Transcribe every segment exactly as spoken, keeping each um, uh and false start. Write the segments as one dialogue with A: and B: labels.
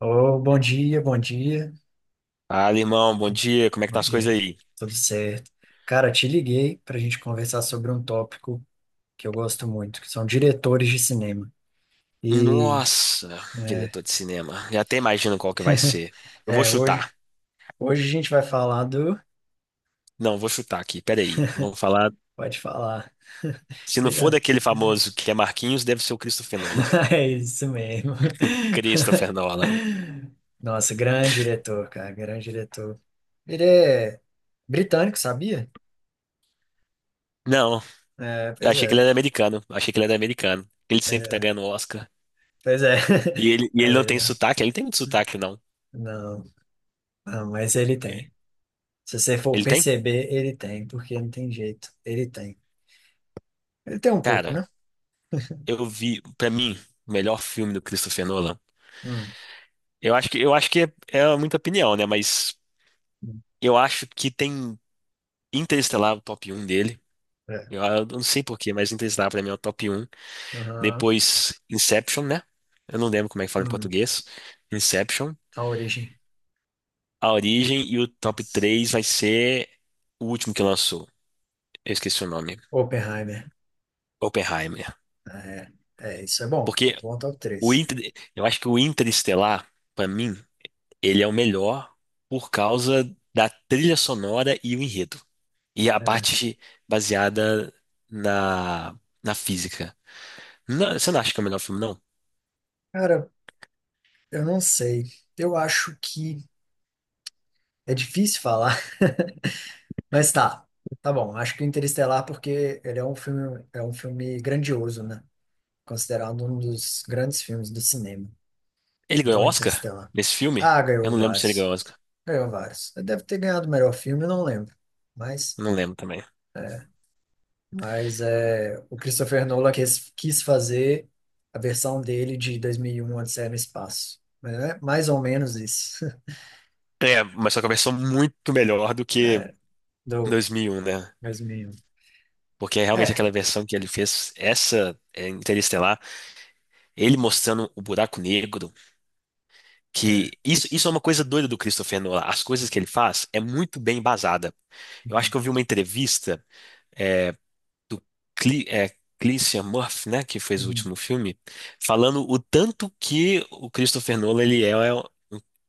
A: Ô, bom dia, bom dia,
B: Fala, irmão, bom dia. Como é que
A: bom
B: tá as
A: dia,
B: coisas aí?
A: tudo certo. Cara, te liguei para a gente conversar sobre um tópico que eu gosto muito, que são diretores de cinema. E
B: Nossa,
A: é,
B: diretor de cinema. Já até imagino qual que vai ser. Eu vou
A: é, hoje,
B: chutar.
A: hoje a gente vai falar do.
B: Não, vou chutar aqui. Peraí. Vamos falar.
A: Pode falar.
B: Se não for
A: Seja.
B: daquele famoso que é Marquinhos, deve ser o Christopher Nolan.
A: É isso mesmo.
B: Christopher Nolan.
A: Nossa, grande diretor, cara, grande diretor. Ele é britânico, sabia?
B: Não,
A: É,
B: eu
A: pois
B: achei que ele
A: é.
B: era americano. Eu achei que ele era americano. Ele sempre tá
A: É,
B: ganhando Oscar.
A: pois é.
B: E ele, e
A: Mas
B: ele não
A: ele
B: tem
A: não,
B: sotaque? Ele tem muito sotaque, não.
A: não, não, mas ele
B: É.
A: tem. Se você for
B: Ele tem?
A: perceber, ele tem, porque não tem jeito. Ele tem. Ele tem um pouco,
B: Cara,
A: né?
B: eu vi, pra mim, o melhor filme do Christopher Nolan.
A: Hum,
B: Eu acho que, eu acho que é, é muita opinião, né? Mas
A: hum,
B: eu acho que tem Interestelar, o top um dele.
A: é.
B: Eu, eu não sei por quê, mas Interestelar pra mim é o top um.
A: Aham.
B: Depois Inception, né? Eu não lembro como é que fala em
A: Hum,
B: português. Inception,
A: a origem.
B: A Origem, e o top
A: Yes.
B: três vai ser o último que lançou. Eu esqueci o nome.
A: Oppenheimer.
B: Oppenheimer.
A: É, é, isso é bom. É
B: Porque
A: bom top
B: o
A: três.
B: Inter, eu acho que o Interestelar, pra mim, ele é o melhor por causa da trilha sonora e o enredo. E a
A: É.
B: parte baseada na, na física. Não, você não acha que é o melhor filme, não?
A: Cara, eu não sei. Eu acho que é difícil falar, mas tá. Tá bom. Acho que o Interestelar, porque ele é um filme, é um filme grandioso, né? Considerado um dos grandes filmes do cinema.
B: Ele ganhou
A: Então,
B: Oscar
A: Interestelar.
B: nesse filme?
A: Ah,
B: Eu
A: ganhou
B: não lembro se ele
A: vários.
B: ganhou Oscar.
A: Ganhou vários. Ele deve ter ganhado o melhor filme, eu não lembro. Mas,
B: Não lembro também.
A: mas é, o Christopher Nolan quis, quis fazer a versão dele de dois mil e um, Odisseia no Espaço. Mas é mais ou menos isso.
B: É, mas só que a versão muito melhor do que
A: É, do
B: dois mil e um, né?
A: dois mil e um.
B: Porque é realmente
A: É,
B: aquela versão que ele fez, essa é, Interestelar, ele mostrando o buraco negro, que
A: é.
B: isso, isso é uma coisa doida do Christopher Nolan. As coisas que ele faz é muito bem embasada. Eu acho
A: Uhum,
B: que eu vi uma entrevista é, do Cle, é, Cillian Murphy, né, que fez o
A: uhum,
B: último filme, falando o tanto que o Christopher Nolan ele é um,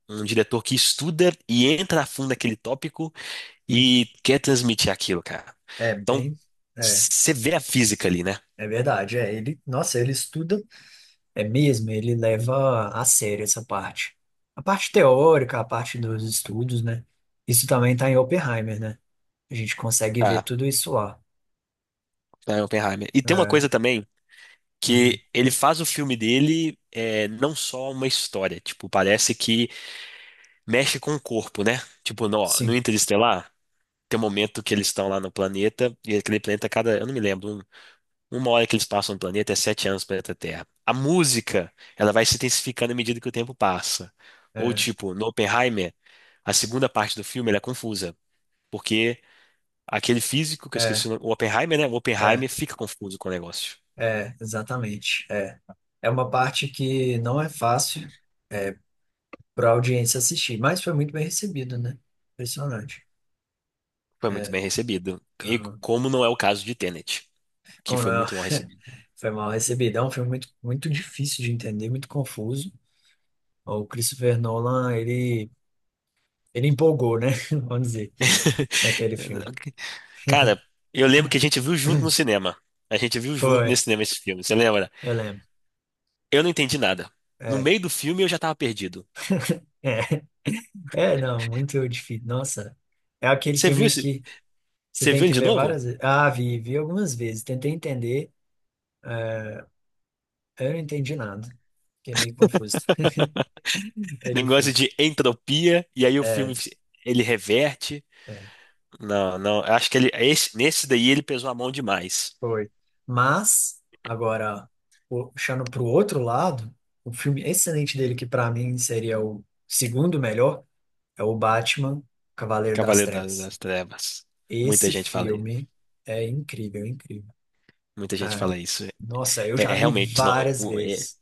B: um diretor que estuda e entra a fundo naquele tópico e
A: isso.
B: quer transmitir aquilo, cara.
A: É
B: Então,
A: bem... É,
B: você vê a física ali, né?
A: é verdade. É, ele, nossa, ele estuda... É mesmo, ele leva a sério essa parte. A parte teórica, a parte dos estudos, né? Isso também tá em Oppenheimer, né? A gente consegue ver
B: Tá,
A: tudo isso lá.
B: tá, é Oppenheimer. E tem uma
A: É,
B: coisa também
A: uhum,
B: que ele faz o filme dele é, não só uma história, tipo, parece que mexe com o corpo, né? Tipo, no, no
A: sim,
B: Interestelar, tem um momento que eles estão lá no planeta, e aquele planeta, cada, eu não me lembro, um- uma hora que eles passam no planeta é sete anos no planeta Terra. A música, ela vai se intensificando à medida que o tempo passa. Ou,
A: é,
B: tipo, no Oppenheimer, a segunda parte do filme ela é confusa, porque aquele físico, que eu esqueci
A: é,
B: o nome, o Oppenheimer, né? O
A: é,
B: Oppenheimer fica confuso com o negócio.
A: é, exatamente. É. É uma parte que não é fácil é, para a audiência assistir, mas foi muito bem recebido, né? Impressionante.
B: Foi muito
A: É,
B: bem recebido. E
A: aham.
B: como não é o caso de Tenet, que
A: Como
B: foi
A: não é-
B: muito mal recebido.
A: foi mal recebido. É um filme muito, muito difícil de entender, muito confuso. O Christopher Nolan, ele, ele empolgou, né? Vamos dizer, naquele filme.
B: Cara, eu lembro que a gente viu junto no cinema. A gente viu junto
A: Foi,
B: nesse cinema esse filme, você lembra?
A: eu lembro.
B: Eu não entendi nada. No
A: É.
B: meio do filme eu já tava perdido.
A: É. É, não, muito difícil. Nossa, é aquele
B: Você viu
A: filme
B: esse?
A: que você
B: Você
A: tem
B: viu ele
A: que
B: de
A: ver
B: novo?
A: várias vezes. Ah, vi, vi algumas vezes, tentei entender, eh, eu não entendi nada. Fiquei meio confuso. É
B: Negócio
A: difícil.
B: de entropia, e aí o filme
A: É,
B: ele reverte.
A: é,
B: Não, não, eu acho que ele, esse- nesse daí ele pesou a mão demais.
A: foi. Mas, agora, puxando para o outro lado, o filme excelente dele, que para mim seria o segundo melhor, é o Batman, Cavaleiro das
B: Cavaleiro da-
A: Trevas.
B: das Trevas. Muita
A: Esse
B: gente fala isso.
A: filme é incrível, é incrível.
B: Muita gente
A: Ah,
B: fala isso.
A: nossa, eu
B: É,
A: já
B: é,
A: vi
B: realmente, não.
A: várias
B: o- é-
A: vezes.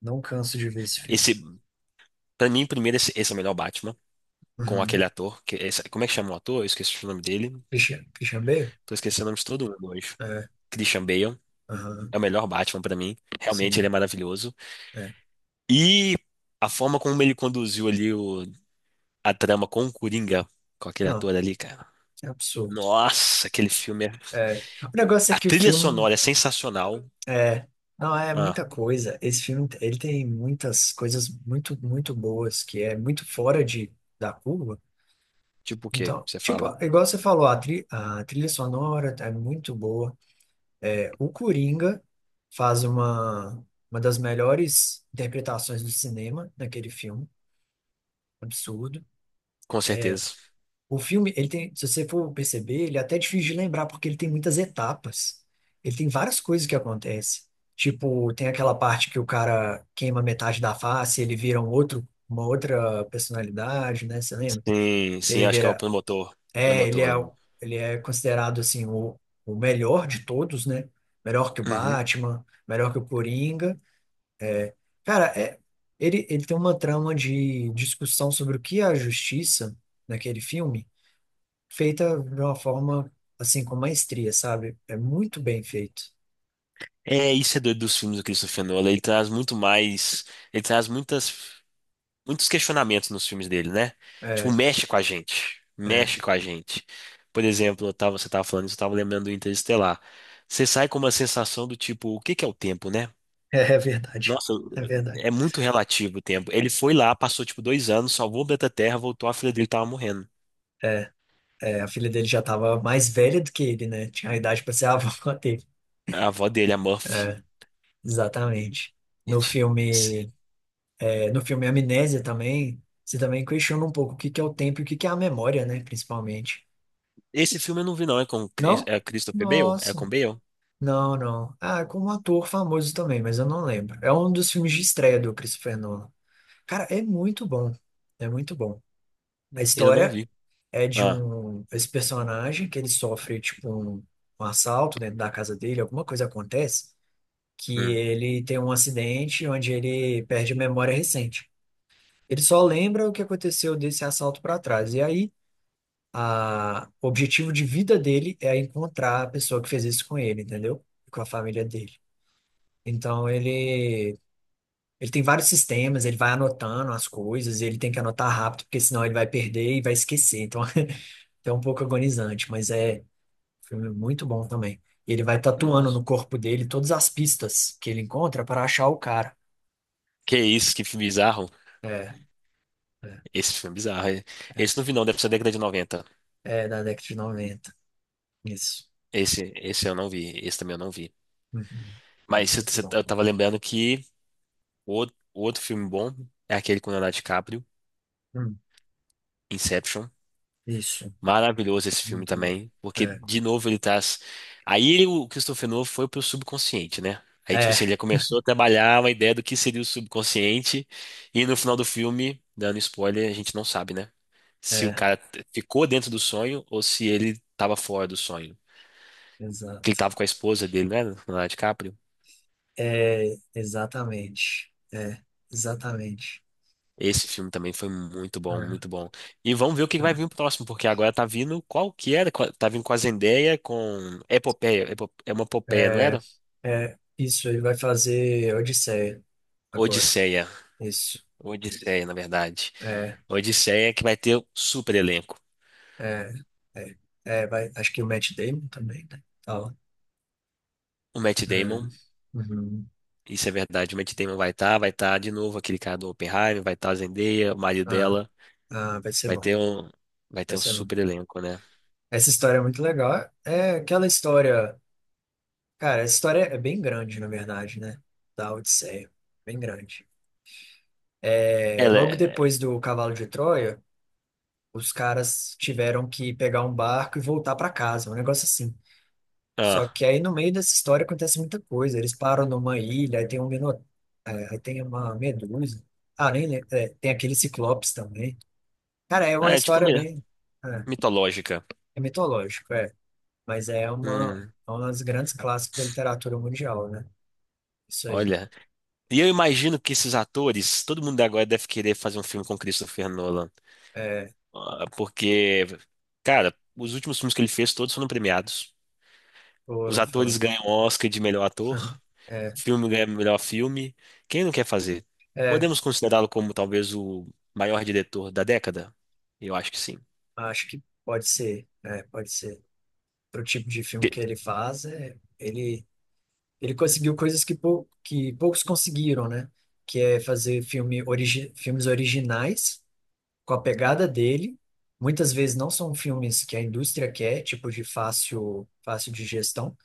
A: Não canso de ver esse filme.
B: esse, pra mim, primeiro, esse, esse é o melhor Batman, com aquele
A: Uhum.
B: ator. Que, esse- como é que chama o ator? Eu esqueci o nome dele.
A: Christian, Christian Bale?
B: Tô esquecendo o nome de todo mundo hoje.
A: É,
B: Christian Bale
A: aham,
B: é o melhor Batman pra mim. Realmente, ele é
A: sim.
B: maravilhoso.
A: É.
B: E a forma como ele conduziu ali o- a trama com o Coringa, com aquele
A: Não,
B: ator ali, cara.
A: é absurdo.
B: Nossa, aquele filme é...
A: É. O negócio é
B: A
A: que o
B: trilha
A: filme
B: sonora é sensacional.
A: é. Não, é
B: Ah,
A: muita coisa. Esse filme, ele tem muitas coisas muito, muito boas, que é muito fora de, da curva.
B: tipo o quê?
A: Então,
B: Você
A: tipo,
B: fala.
A: igual você falou, a, tri, a trilha sonora é muito boa. É, o Coringa faz uma, uma das melhores interpretações do cinema naquele filme. Absurdo.
B: Com certeza.
A: O filme, ele tem, se você for perceber, ele é até difícil de lembrar, porque ele tem muitas etapas. Ele tem várias coisas que acontecem. Tipo, tem aquela parte que o cara queima metade da face, ele vira um outro, uma outra personalidade, né? Você lembra?
B: Sim, sim,
A: Ele
B: acho que é o
A: vira.
B: promotor. O
A: É, ele
B: promotor
A: é,
B: lá.
A: o- ele é considerado, assim, o, o melhor de todos, né? Melhor que o
B: Uhum.
A: Batman, melhor que o Coringa. Cara, é, ele, ele tem uma trama de discussão sobre o que é a justiça naquele filme feita de uma forma assim com maestria, sabe? É muito bem feito.
B: É, isso é doido dos filmes do Christopher Nolan. Ele traz muito mais. Ele traz muitas. Muitos questionamentos nos filmes dele, né? Tipo,
A: É,
B: mexe com a gente.
A: é,
B: Mexe com a gente. Por exemplo, eu tava- você tava falando isso, eu tava lembrando do Interestelar. Você sai com uma sensação do tipo, o que que é o tempo, né?
A: é verdade.
B: Nossa,
A: É verdade.
B: é muito relativo o tempo. Ele foi lá, passou tipo dois anos, salvou o planeta Terra, voltou, a filha dele tava morrendo.
A: É, a filha dele já estava mais velha do que ele, né? Tinha a idade para ser a avó dele.
B: A avó dele, a Murphy.
A: É, exatamente. No filme, é, no filme Amnésia também, você também questiona um pouco o que que é o tempo e o que que é a memória, né? Principalmente.
B: Esse filme eu não vi, não. É com Chris-
A: Não?
B: é Christopher Bale? É com
A: Nossa.
B: Bale?
A: Não, não. Ah, é com um ator famoso também, mas eu não lembro. É um dos filmes de estreia do Christopher Nolan. Cara, é muito bom. É muito bom. A
B: Eu não
A: história
B: vi.
A: é de
B: Ah,
A: um esse personagem que ele sofre tipo um, um assalto dentro da casa dele, alguma coisa acontece que
B: hum.
A: ele tem um acidente onde ele perde a memória recente. Ele só lembra o que aconteceu desse assalto para trás. E aí a o objetivo de vida dele é encontrar a pessoa que fez isso com ele, entendeu? Com a família dele. Então ele Ele tem vários sistemas, ele vai anotando as coisas, ele tem que anotar rápido, porque senão ele vai perder e vai esquecer. Então, é um pouco agonizante, mas é um filme muito bom também. E ele vai tatuando
B: Nossa.
A: no corpo dele todas as pistas que ele encontra para achar o cara.
B: Que isso, que filme bizarro.
A: É, é,
B: Esse filme é bizarro. Esse não vi não, deve ser da década de noventa.
A: é da década de noventa. Isso.
B: Esse, esse eu não vi, esse também eu não vi.
A: Uhum. É
B: Mas cê-
A: muito
B: cê-
A: bom.
B: eu tava lembrando que o outro, o outro filme bom é aquele com o Leonardo DiCaprio,
A: Hum,
B: Inception.
A: isso,
B: Maravilhoso esse filme
A: muito bom.
B: também, porque de novo ele traz... Aí ele- o Christopher Nolan foi pro subconsciente, né? Aí, tipo
A: É, é,
B: assim, ele começou a trabalhar uma ideia do que seria o subconsciente, e no final do filme, dando spoiler, a gente não sabe, né? Se o
A: é,
B: cara t- ficou dentro do sonho ou se ele tava fora do sonho. Que ele
A: exato.
B: tava com a esposa dele, né? Leonardo DiCaprio.
A: É, exatamente. É, exatamente.
B: Esse filme também foi muito bom, muito bom. E vamos ver o que vai vir o próximo, porque agora tá vindo qual que era? Qua- Tá vindo com a Zendaya, com Epopeia, Epo- é uma
A: É,
B: epopeia, não era?
A: é, é, é. isso, ele vai fazer Odisseia agora.
B: Odisseia.
A: Isso.
B: Odisseia, na verdade.
A: É.
B: Odisseia que vai ter o super elenco.
A: É, é, é, vai, acho que o Matt Damon também, né? Tá lá.
B: O Matt
A: É,
B: Damon,
A: uhum.
B: isso é verdade, o Matt Damon vai estar, vai estar de novo aquele cara do Oppenheimer, vai estar a Zendaya, o marido
A: Ah,
B: dela,
A: ah, vai ser
B: vai
A: bom,
B: ter um, vai
A: vai
B: ter um
A: ser bom.
B: super elenco, né?
A: Essa história é muito legal. É aquela história, cara, essa história é bem grande, na verdade, né? Da Odisseia, bem grande. É,
B: Ela
A: logo
B: é,
A: depois do Cavalo de Troia, os caras tiveram que pegar um barco e voltar para casa, um negócio assim. Só
B: ah,
A: que aí no meio dessa história acontece muita coisa. Eles param numa ilha, aí tem um mino... é, aí tem uma medusa. Ah, nem lembro. É, tem aquele ciclopes também. Cara, é
B: ah,
A: uma
B: é tipo
A: história
B: mi-
A: bem. É,
B: mitológica.
A: é mitológico, é. Mas é uma,
B: Hum.
A: é uma das grandes clássicos da literatura mundial, né? Isso aí.
B: Olha, e eu imagino que esses atores, todo mundo agora deve querer fazer um filme com Christopher Nolan.
A: É,
B: Ah, porque, cara, os últimos filmes que ele fez todos foram premiados. Os
A: foram,
B: atores
A: foram.
B: ganham Oscar de melhor ator,
A: É,
B: filme ganha melhor filme. Quem não quer fazer?
A: é,
B: Podemos considerá-lo como talvez o maior diretor da década? Eu acho que sim.
A: acho que pode ser. É, pode ser. Pro tipo de filme
B: Pe-
A: que ele faz, é, ele Ele conseguiu coisas que, pou, que poucos conseguiram, né? Que é fazer filme origi, filmes originais com a pegada dele. Muitas vezes não são filmes que a indústria quer, tipo de fácil, fácil de gestão.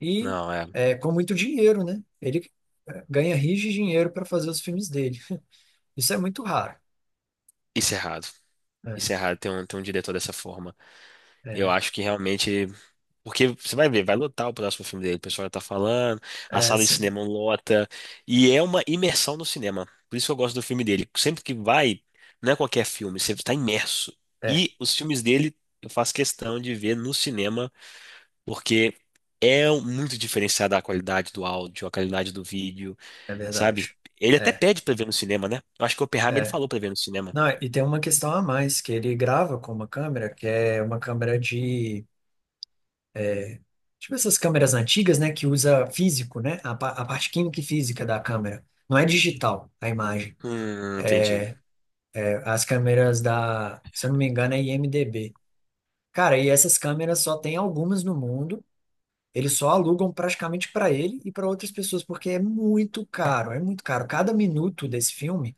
A: E
B: Não, é,
A: é, com muito dinheiro, né? Ele é, ganha rios de dinheiro para fazer os filmes dele. Isso é muito raro.
B: isso é errado.
A: É,
B: Isso é errado ter um, ter um diretor dessa forma. Eu
A: é,
B: acho que realmente. Porque você vai ver, vai lotar o próximo filme dele, o pessoal já tá falando, a
A: é,
B: sala de
A: sim.
B: cinema lota, e é uma imersão no cinema. Por isso que eu gosto do filme dele. Sempre que vai, não é qualquer filme, você está imerso.
A: é,
B: E os filmes dele eu faço questão de ver no cinema, porque é muito diferenciada a qualidade do áudio, a qualidade do vídeo,
A: É
B: sabe?
A: verdade.
B: Ele até
A: É,
B: pede pra ver no cinema, né? Eu acho que o Oppenheimer ele
A: é.
B: falou pra ver no cinema.
A: Não, e tem uma questão a mais, que ele grava com uma câmera, que é uma câmera de tipo essas câmeras antigas, né, que usa físico, né, a, pa- a parte química e física da câmera. Não é digital a imagem.
B: Hum, entendi.
A: É, as câmeras da, se eu não me engano, é IMDb. Cara, e essas câmeras só tem algumas no mundo. Eles só alugam praticamente para ele e para outras pessoas, porque é muito caro, é muito caro. Cada minuto desse filme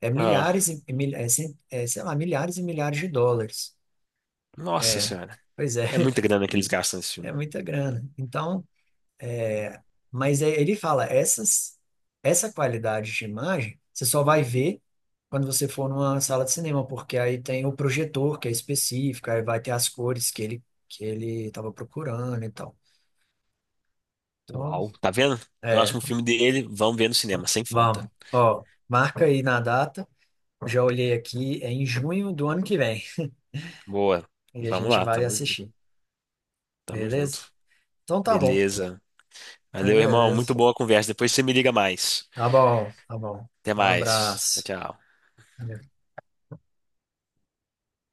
A: é
B: Ah,
A: milhares e mil, é, cen- é, sei lá, milhares e milhares de dólares.
B: nossa
A: É,
B: senhora.
A: pois é,
B: É muita grana que eles gastam nesse
A: é
B: filme.
A: muita grana. Então, É, Mas é- ele fala, essas, essa qualidade de imagem, você só vai ver quando você for numa sala de cinema, porque aí tem o projetor que é específico, aí vai ter as cores que ele que ele estava procurando e tal. Então,
B: Uau, tá vendo?
A: é,
B: Próximo filme dele, vamos ver no cinema, sem falta.
A: vamos. Ó, marca aí na data. Já olhei aqui, é em junho do ano que vem.
B: Boa.
A: E a
B: Vamos
A: gente
B: lá,
A: vai
B: tamo,
A: assistir,
B: tamo
A: beleza?
B: junto.
A: Então tá bom.
B: Beleza.
A: Então,
B: Valeu, irmão. Muito
A: beleza.
B: boa a conversa. Depois você me liga mais.
A: Tá bom, tá bom.
B: Até
A: Um
B: mais. Tchau,
A: abraço.
B: tchau.